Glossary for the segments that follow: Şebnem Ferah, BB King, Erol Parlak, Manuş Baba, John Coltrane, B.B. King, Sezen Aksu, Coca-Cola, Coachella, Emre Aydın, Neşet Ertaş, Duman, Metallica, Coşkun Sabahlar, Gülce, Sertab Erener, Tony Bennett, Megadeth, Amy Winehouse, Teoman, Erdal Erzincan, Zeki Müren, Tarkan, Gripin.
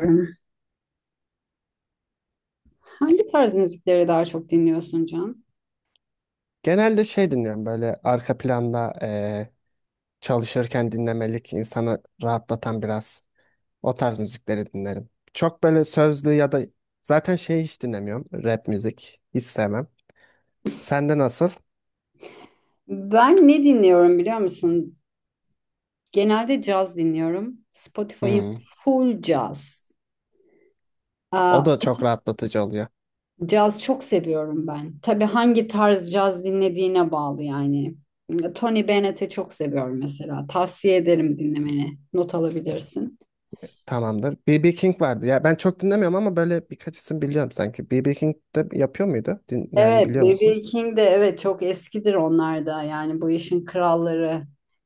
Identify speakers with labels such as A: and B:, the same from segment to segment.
A: Dinliyorum. Hangi tarz müzikleri daha çok dinliyorsun, Can?
B: Genelde şey dinliyorum böyle arka planda çalışırken dinlemelik insanı rahatlatan biraz o tarz müzikleri dinlerim. Çok böyle sözlü ya da zaten şey hiç dinlemiyorum rap müzik hiç sevmem. Sende nasıl?
A: Ben ne dinliyorum, biliyor musun? Genelde caz dinliyorum. Spotify'ım
B: Hmm.
A: full caz.
B: O
A: Aa,
B: da çok rahatlatıcı oluyor.
A: caz çok seviyorum ben. Tabii hangi tarz caz dinlediğine bağlı yani. Tony Bennett'i çok seviyorum mesela. Tavsiye ederim dinlemeni. Not alabilirsin.
B: Tamamdır. B.B. King vardı. Ya ben çok dinlemiyorum ama böyle birkaç isim biliyorum sanki. B.B. King de yapıyor muydu? Yani
A: Evet,
B: biliyor musun?
A: BB King de evet çok eskidir onlar da yani bu işin kralları.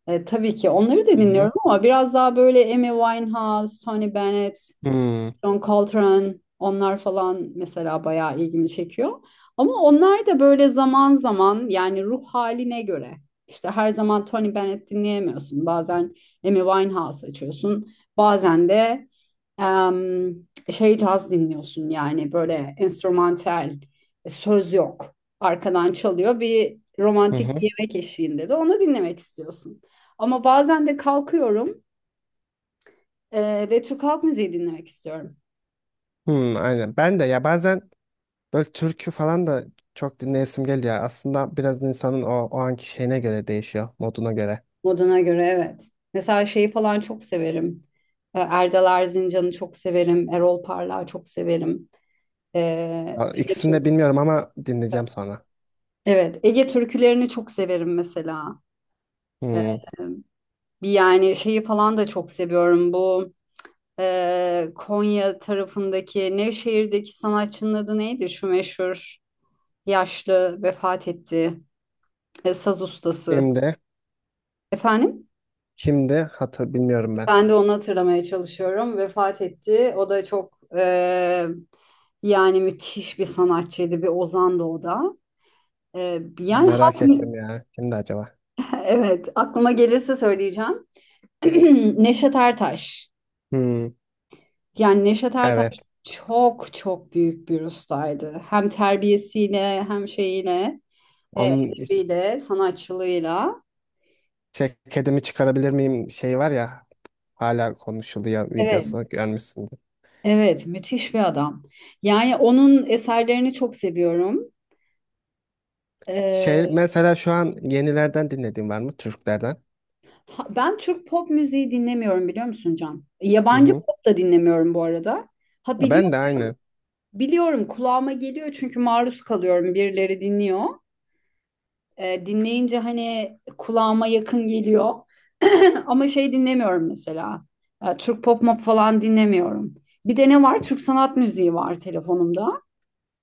A: Tabii ki onları da
B: Hı hı.
A: dinliyorum ama biraz daha böyle Amy Winehouse, Tony Bennett,
B: Hmm.
A: John Coltrane onlar falan mesela bayağı ilgimi çekiyor. Ama onlar da böyle zaman zaman yani ruh haline göre. İşte her zaman Tony Bennett dinleyemiyorsun. Bazen Amy Winehouse açıyorsun. Bazen de em, şey caz dinliyorsun yani böyle enstrümantal, söz yok. Arkadan çalıyor bir
B: Hı
A: romantik
B: hı.
A: bir yemek eşliğinde de onu dinlemek istiyorsun. Ama bazen de kalkıyorum ve Türk halk müziği dinlemek istiyorum.
B: Hmm, aynen. Ben de ya bazen böyle türkü falan da çok dinleyesim geliyor. Aslında biraz insanın o anki şeyine göre değişiyor, moduna göre.
A: Moduna göre, evet. Mesela şeyi falan çok severim. Erdal Erzincan'ı çok severim. Erol Parlak'ı çok severim. E, Ege
B: İkisini de
A: Türk-
B: bilmiyorum ama dinleyeceğim sonra.
A: evet, Ege türkülerini çok severim mesela. E,
B: Hmm.
A: bir yani şeyi falan da çok seviyorum. Bu Konya tarafındaki Nevşehir'deki sanatçının adı neydi? Şu meşhur yaşlı vefat etti. Saz ustası.
B: Şimdi,
A: Efendim?
B: şimdi hatır bilmiyorum ben.
A: Ben de onu hatırlamaya çalışıyorum. Vefat etti. O da çok yani müthiş bir sanatçıydı, bir ozandı o da. Yani
B: Merak
A: halk,
B: ettim ya. Kimdi acaba?
A: evet, aklıma gelirse söyleyeceğim. Neşet Ertaş.
B: Hmm.
A: Yani Neşet Ertaş
B: Evet.
A: çok çok büyük bir ustaydı. Hem terbiyesiyle hem şeyiyle,
B: Onun
A: edebiyle, sanatçılığıyla.
B: ceketimi çıkarabilir miyim şey var ya hala konuşuluyor
A: Evet,
B: videosu görmüşsündür.
A: evet, müthiş bir adam. Yani onun eserlerini çok seviyorum.
B: Şey mesela şu an yenilerden dinlediğin var mı Türklerden?
A: Ben Türk pop müziği dinlemiyorum, biliyor musun, Can?
B: Hı
A: Yabancı
B: hı.
A: pop da dinlemiyorum bu arada. Ha,
B: Ya
A: biliyorum,
B: ben de aynı.
A: biliyorum, kulağıma geliyor çünkü maruz kalıyorum, birileri dinliyor. Dinleyince hani kulağıma yakın geliyor. Ama şey dinlemiyorum mesela. Türk pop mop falan dinlemiyorum. Bir de ne var? Türk sanat müziği var telefonumda.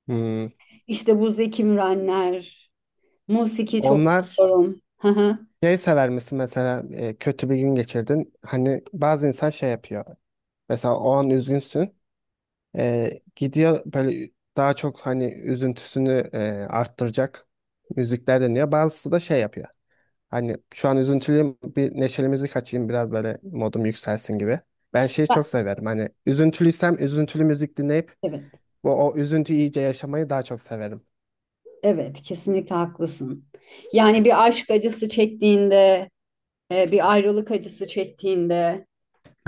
B: Hmm.
A: İşte bu Zeki Mürenler, musiki çok
B: Onlar.
A: seviyorum. Hı hı.
B: Şey sever misin mesela kötü bir gün geçirdin. Hani bazı insan şey yapıyor. Mesela o an üzgünsün. E, Gidiyor böyle daha çok hani üzüntüsünü arttıracak müzikler dinliyor. Bazısı da şey yapıyor. Hani şu an üzüntülüyüm bir neşeli müzik açayım biraz böyle modum yükselsin gibi. Ben şeyi
A: Ben-
B: çok severim. Hani üzüntülüysem üzüntülü müzik dinleyip
A: Evet.
B: bu o üzüntüyü iyice yaşamayı daha çok severim.
A: Evet, kesinlikle haklısın. Yani bir aşk acısı çektiğinde, bir ayrılık acısı çektiğinde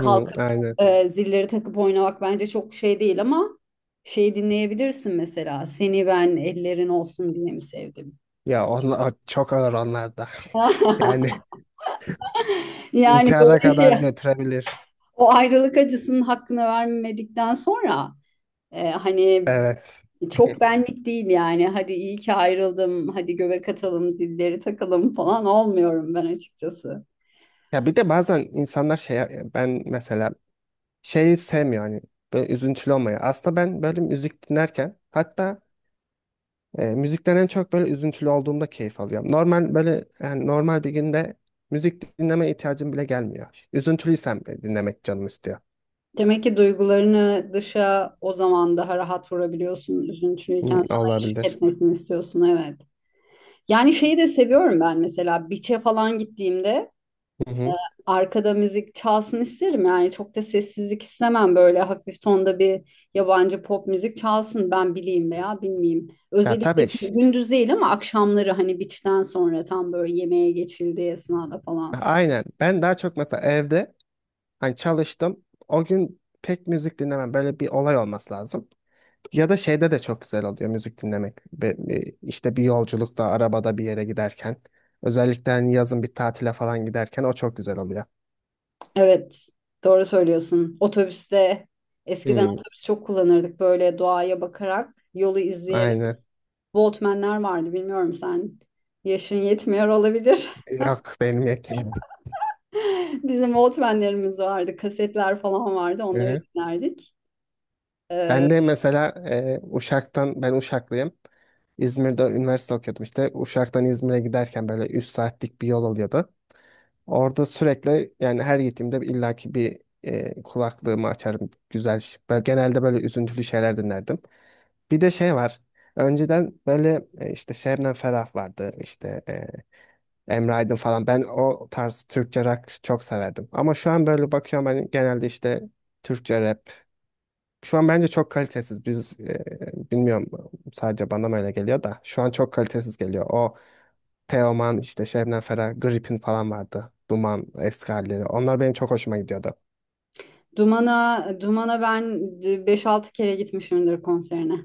B: Hı, aynen.
A: zilleri takıp oynamak bence çok şey değil, ama şeyi dinleyebilirsin mesela. Seni ben ellerin olsun diye mi sevdim?
B: Ya onlar çok ağır onlar da. Yani
A: Yani
B: İntihara
A: böyle şey,
B: kadar götürebilir.
A: o ayrılık acısının hakkını vermedikten sonra hani
B: Evet.
A: çok benlik değil yani. Hadi iyi ki ayrıldım, hadi göbek atalım, zilleri takalım falan, olmuyorum ben açıkçası.
B: Ya bir de bazen insanlar şey ben mesela şeyi sevmiyor hani böyle üzüntülü olmayı. Aslında ben böyle müzik dinlerken hatta müzikten en çok böyle üzüntülü olduğumda keyif alıyorum. Normal böyle yani normal bir günde müzik dinleme ihtiyacım bile gelmiyor. Üzüntülüysem bile dinlemek canım istiyor.
A: Demek ki duygularını dışa o zaman daha rahat vurabiliyorsun. Üzüntülüyken
B: Hmm,
A: sana eşlik
B: olabilir.
A: etmesini istiyorsun, evet. Yani şeyi de seviyorum ben, mesela beach'e falan gittiğimde
B: Hı hı.
A: arkada müzik çalsın isterim. Yani çok da sessizlik istemem, böyle hafif tonda bir yabancı pop müzik çalsın, ben bileyim veya bilmeyeyim.
B: Ya
A: Özellikle
B: tabii
A: gündüz değil, ama akşamları, hani beach'ten sonra tam böyle yemeğe geçildiği esnada falan.
B: aynen ben daha çok mesela evde hani çalıştım o gün pek müzik dinlemem böyle bir olay olması lazım. Ya da şeyde de çok güzel oluyor müzik dinlemek. İşte bir yolculukta, arabada bir yere giderken. Özellikle hani yazın bir tatile falan giderken o çok güzel oluyor.
A: Evet, doğru söylüyorsun. Otobüste, eskiden
B: Hmm,
A: otobüs çok kullanırdık, böyle doğaya bakarak, yolu izleyerek.
B: aynen.
A: Walkman'ler vardı, bilmiyorum sen. Yaşın yetmiyor olabilir.
B: Yok benim yetmiyor.
A: Bizim Walkman'lerimiz vardı, kasetler falan vardı.
B: Hı
A: Onları
B: hı.
A: dinlerdik. Ee,
B: Ben de mesela Uşak'tan, ben Uşaklıyım. İzmir'de üniversite okuyordum işte. Uşak'tan İzmir'e giderken böyle 3 saatlik bir yol oluyordu. Orada sürekli yani her gittiğimde illaki bir kulaklığımı açarım. Güzel. Ben genelde böyle üzüntülü şeyler dinlerdim. Bir de şey var. Önceden böyle işte Şebnem Ferah vardı. İşte Emre Aydın falan. Ben o tarz Türkçe rock çok severdim. Ama şu an böyle bakıyorum hani genelde işte Türkçe rap. Şu an bence çok kalitesiz. Biz bilmiyorum sadece bana mı öyle geliyor da. Şu an çok kalitesiz geliyor. O Teoman işte Şebnem Ferah, Gripin falan vardı. Duman eski halleri. Onlar benim çok hoşuma gidiyordu.
A: Duman'a ben beş altı kere gitmişimdir konserine,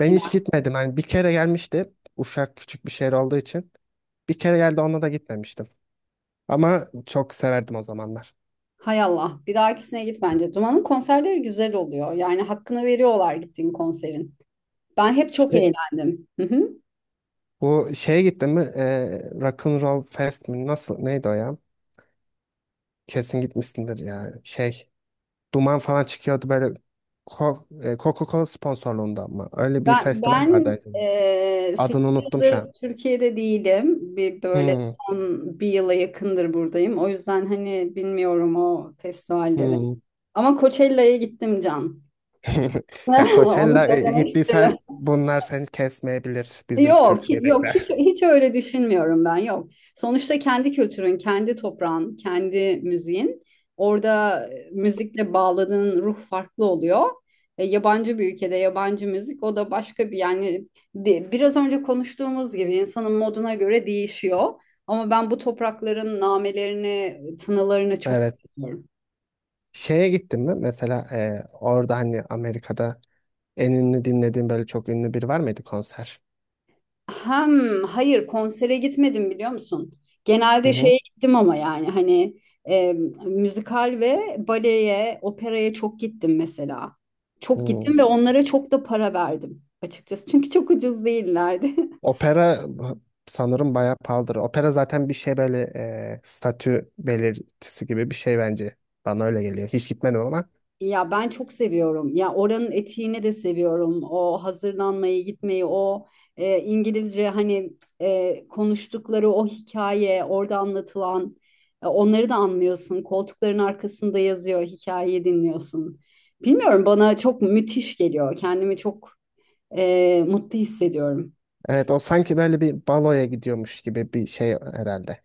B: Ben hiç gitmedim. Hani bir kere gelmişti. Uşak küçük bir şehir olduğu için. Bir kere geldi ona da gitmemiştim. Ama çok severdim o zamanlar.
A: Hay Allah, bir dahakisine git bence. Duman'ın konserleri güzel oluyor. Yani hakkını veriyorlar gittiğin konserin. Ben hep çok
B: İşte
A: eğlendim.
B: bu şeye gittin mi? Rock'n'Roll Fest mi? Nasıl? Neydi o ya? Kesin gitmişsindir ya. Şey, duman falan çıkıyordu böyle Co- Coca-Cola sponsorluğunda ama. Öyle bir
A: Ben,
B: festival vardı
A: ben
B: acaba.
A: eee
B: Adını unuttum şu
A: yıldır
B: an.
A: Türkiye'de değilim. Bir böyle
B: Hmm,
A: son bir yıla yakındır buradayım. O yüzden hani bilmiyorum o festivalleri.
B: hmm.
A: Ama Coachella'ya gittim, Can.
B: Ya
A: Onu
B: Coachella'ya
A: söylemek isterim.
B: gittiysen bunlar seni kesmeyebilir bizim
A: Yok, yok, hiç
B: Türkiye'dekiler.
A: hiç öyle düşünmüyorum ben. Yok. Sonuçta kendi kültürün, kendi toprağın, kendi müziğin. Orada müzikle bağladığın ruh farklı oluyor. Yabancı bir ülkede yabancı müzik, o da başka bir yani, biraz önce konuştuğumuz gibi, insanın moduna göre değişiyor. Ama ben bu toprakların namelerini, tınılarını çok
B: Evet.
A: seviyorum.
B: Şeye gittin mi? Mesela orada hani Amerika'da en ünlü dinlediğin böyle çok ünlü biri var mıydı konser?
A: Hem hayır, konsere gitmedim, biliyor musun?
B: Hı
A: Genelde
B: hı.
A: şeye gittim, ama yani hani e, müzikal ve baleye, operaya çok gittim mesela. Çok
B: Hmm.
A: gittim ve onlara çok da para verdim açıkçası. Çünkü çok ucuz değillerdi.
B: Opera sanırım bayağı pahalıdır. Opera zaten bir şey böyle statü belirtisi gibi bir şey bence. Bana öyle geliyor. Hiç gitmedim ama.
A: Ya ben çok seviyorum. Ya oranın etiğini de seviyorum. O hazırlanmayı, gitmeyi, o İngilizce, hani konuştukları o hikaye, orada anlatılan, onları da anlıyorsun. Koltukların arkasında yazıyor, hikayeyi dinliyorsun. Bilmiyorum, bana çok müthiş geliyor. Kendimi çok mutlu hissediyorum.
B: Evet o sanki böyle bir baloya gidiyormuş gibi bir şey herhalde.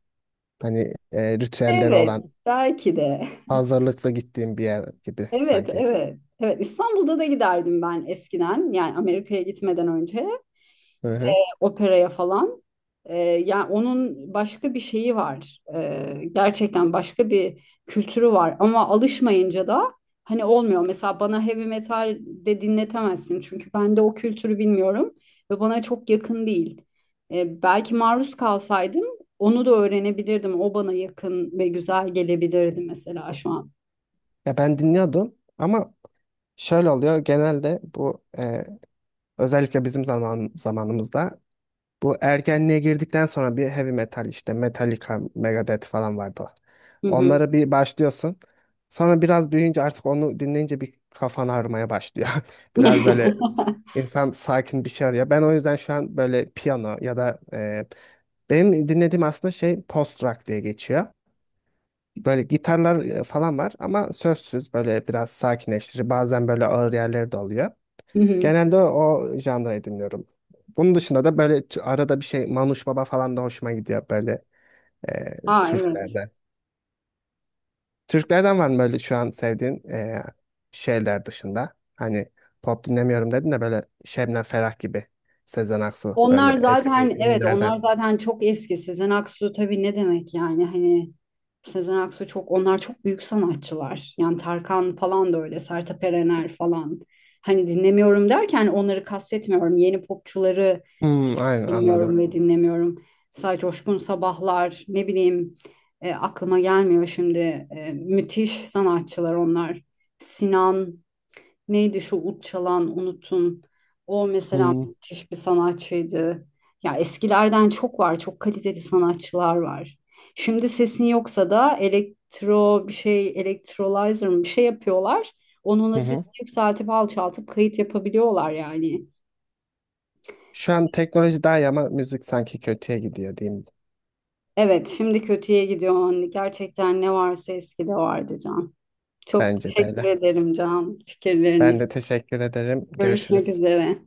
B: Hani ritüelleri
A: Evet,
B: olan
A: belki de.
B: hazırlıklı gittiğim bir yer gibi
A: Evet,
B: sanki.
A: evet. Evet, İstanbul'da da giderdim ben eskiden. Yani Amerika'ya gitmeden önce.
B: Hı hı.
A: Operaya falan. Yani onun başka bir şeyi var. Gerçekten başka bir kültürü var. Ama alışmayınca da hani olmuyor. Mesela bana heavy metal de dinletemezsin. Çünkü ben de o kültürü bilmiyorum ve bana çok yakın değil. Belki maruz kalsaydım, onu da öğrenebilirdim. O bana yakın ve güzel gelebilirdi mesela şu an.
B: Ya ben dinliyordum ama şöyle oluyor genelde bu özellikle bizim zamanımızda bu ergenliğe girdikten sonra bir heavy metal işte Metallica, Megadeth falan vardı.
A: Hı hı.
B: Onlara bir başlıyorsun. Sonra biraz büyüyünce artık onu dinleyince bir kafan ağrımaya başlıyor. Biraz böyle insan sakin bir şey arıyor. Ben o yüzden şu an böyle piyano ya da benim dinlediğim aslında şey post rock diye geçiyor. Böyle gitarlar falan var ama sözsüz böyle biraz sakinleştirici bazen böyle ağır yerleri de oluyor.
A: Hı hı.
B: Genelde o janrayı dinliyorum. Bunun dışında da böyle arada bir şey Manuş Baba falan da hoşuma gidiyor böyle e,
A: Aa, evet.
B: Türklerden. Türklerden var mı böyle şu an sevdiğin şeyler dışında? Hani pop dinlemiyorum dedin de böyle Şebnem Ferah gibi Sezen Aksu
A: Onlar
B: böyle eski
A: zaten, evet,
B: ünlülerden.
A: onlar zaten çok eski. Sezen Aksu, tabii, ne demek yani, hani Sezen Aksu, çok, onlar çok büyük sanatçılar. Yani Tarkan falan da öyle, Sertab Erener falan. Hani dinlemiyorum derken onları kastetmiyorum. Yeni popçuları
B: Hmm, aynen anladım.
A: dinliyorum ve dinlemiyorum. Mesela Coşkun Sabahlar, ne bileyim, aklıma gelmiyor şimdi. Müthiş sanatçılar onlar. Sinan, neydi şu ut çalan, unutun. O mesela
B: Hmm.
A: müthiş bir sanatçıydı. Ya eskilerden çok var. Çok kaliteli sanatçılar var. Şimdi sesin yoksa da elektro bir şey, elektrolizer mı bir şey yapıyorlar.
B: Hı
A: Onunla
B: hı.
A: sesi yükseltip alçaltıp kayıt yapabiliyorlar yani.
B: Şu an teknoloji daha iyi ama müzik sanki kötüye gidiyor diyeyim.
A: Evet, şimdi kötüye gidiyor. Anne. Gerçekten ne varsa eskide vardı, Can. Çok
B: Bence de
A: teşekkür
B: öyle.
A: ederim, Can, fikirlerin
B: Ben
A: için.
B: de teşekkür ederim.
A: Görüşmek
B: Görüşürüz.
A: üzere.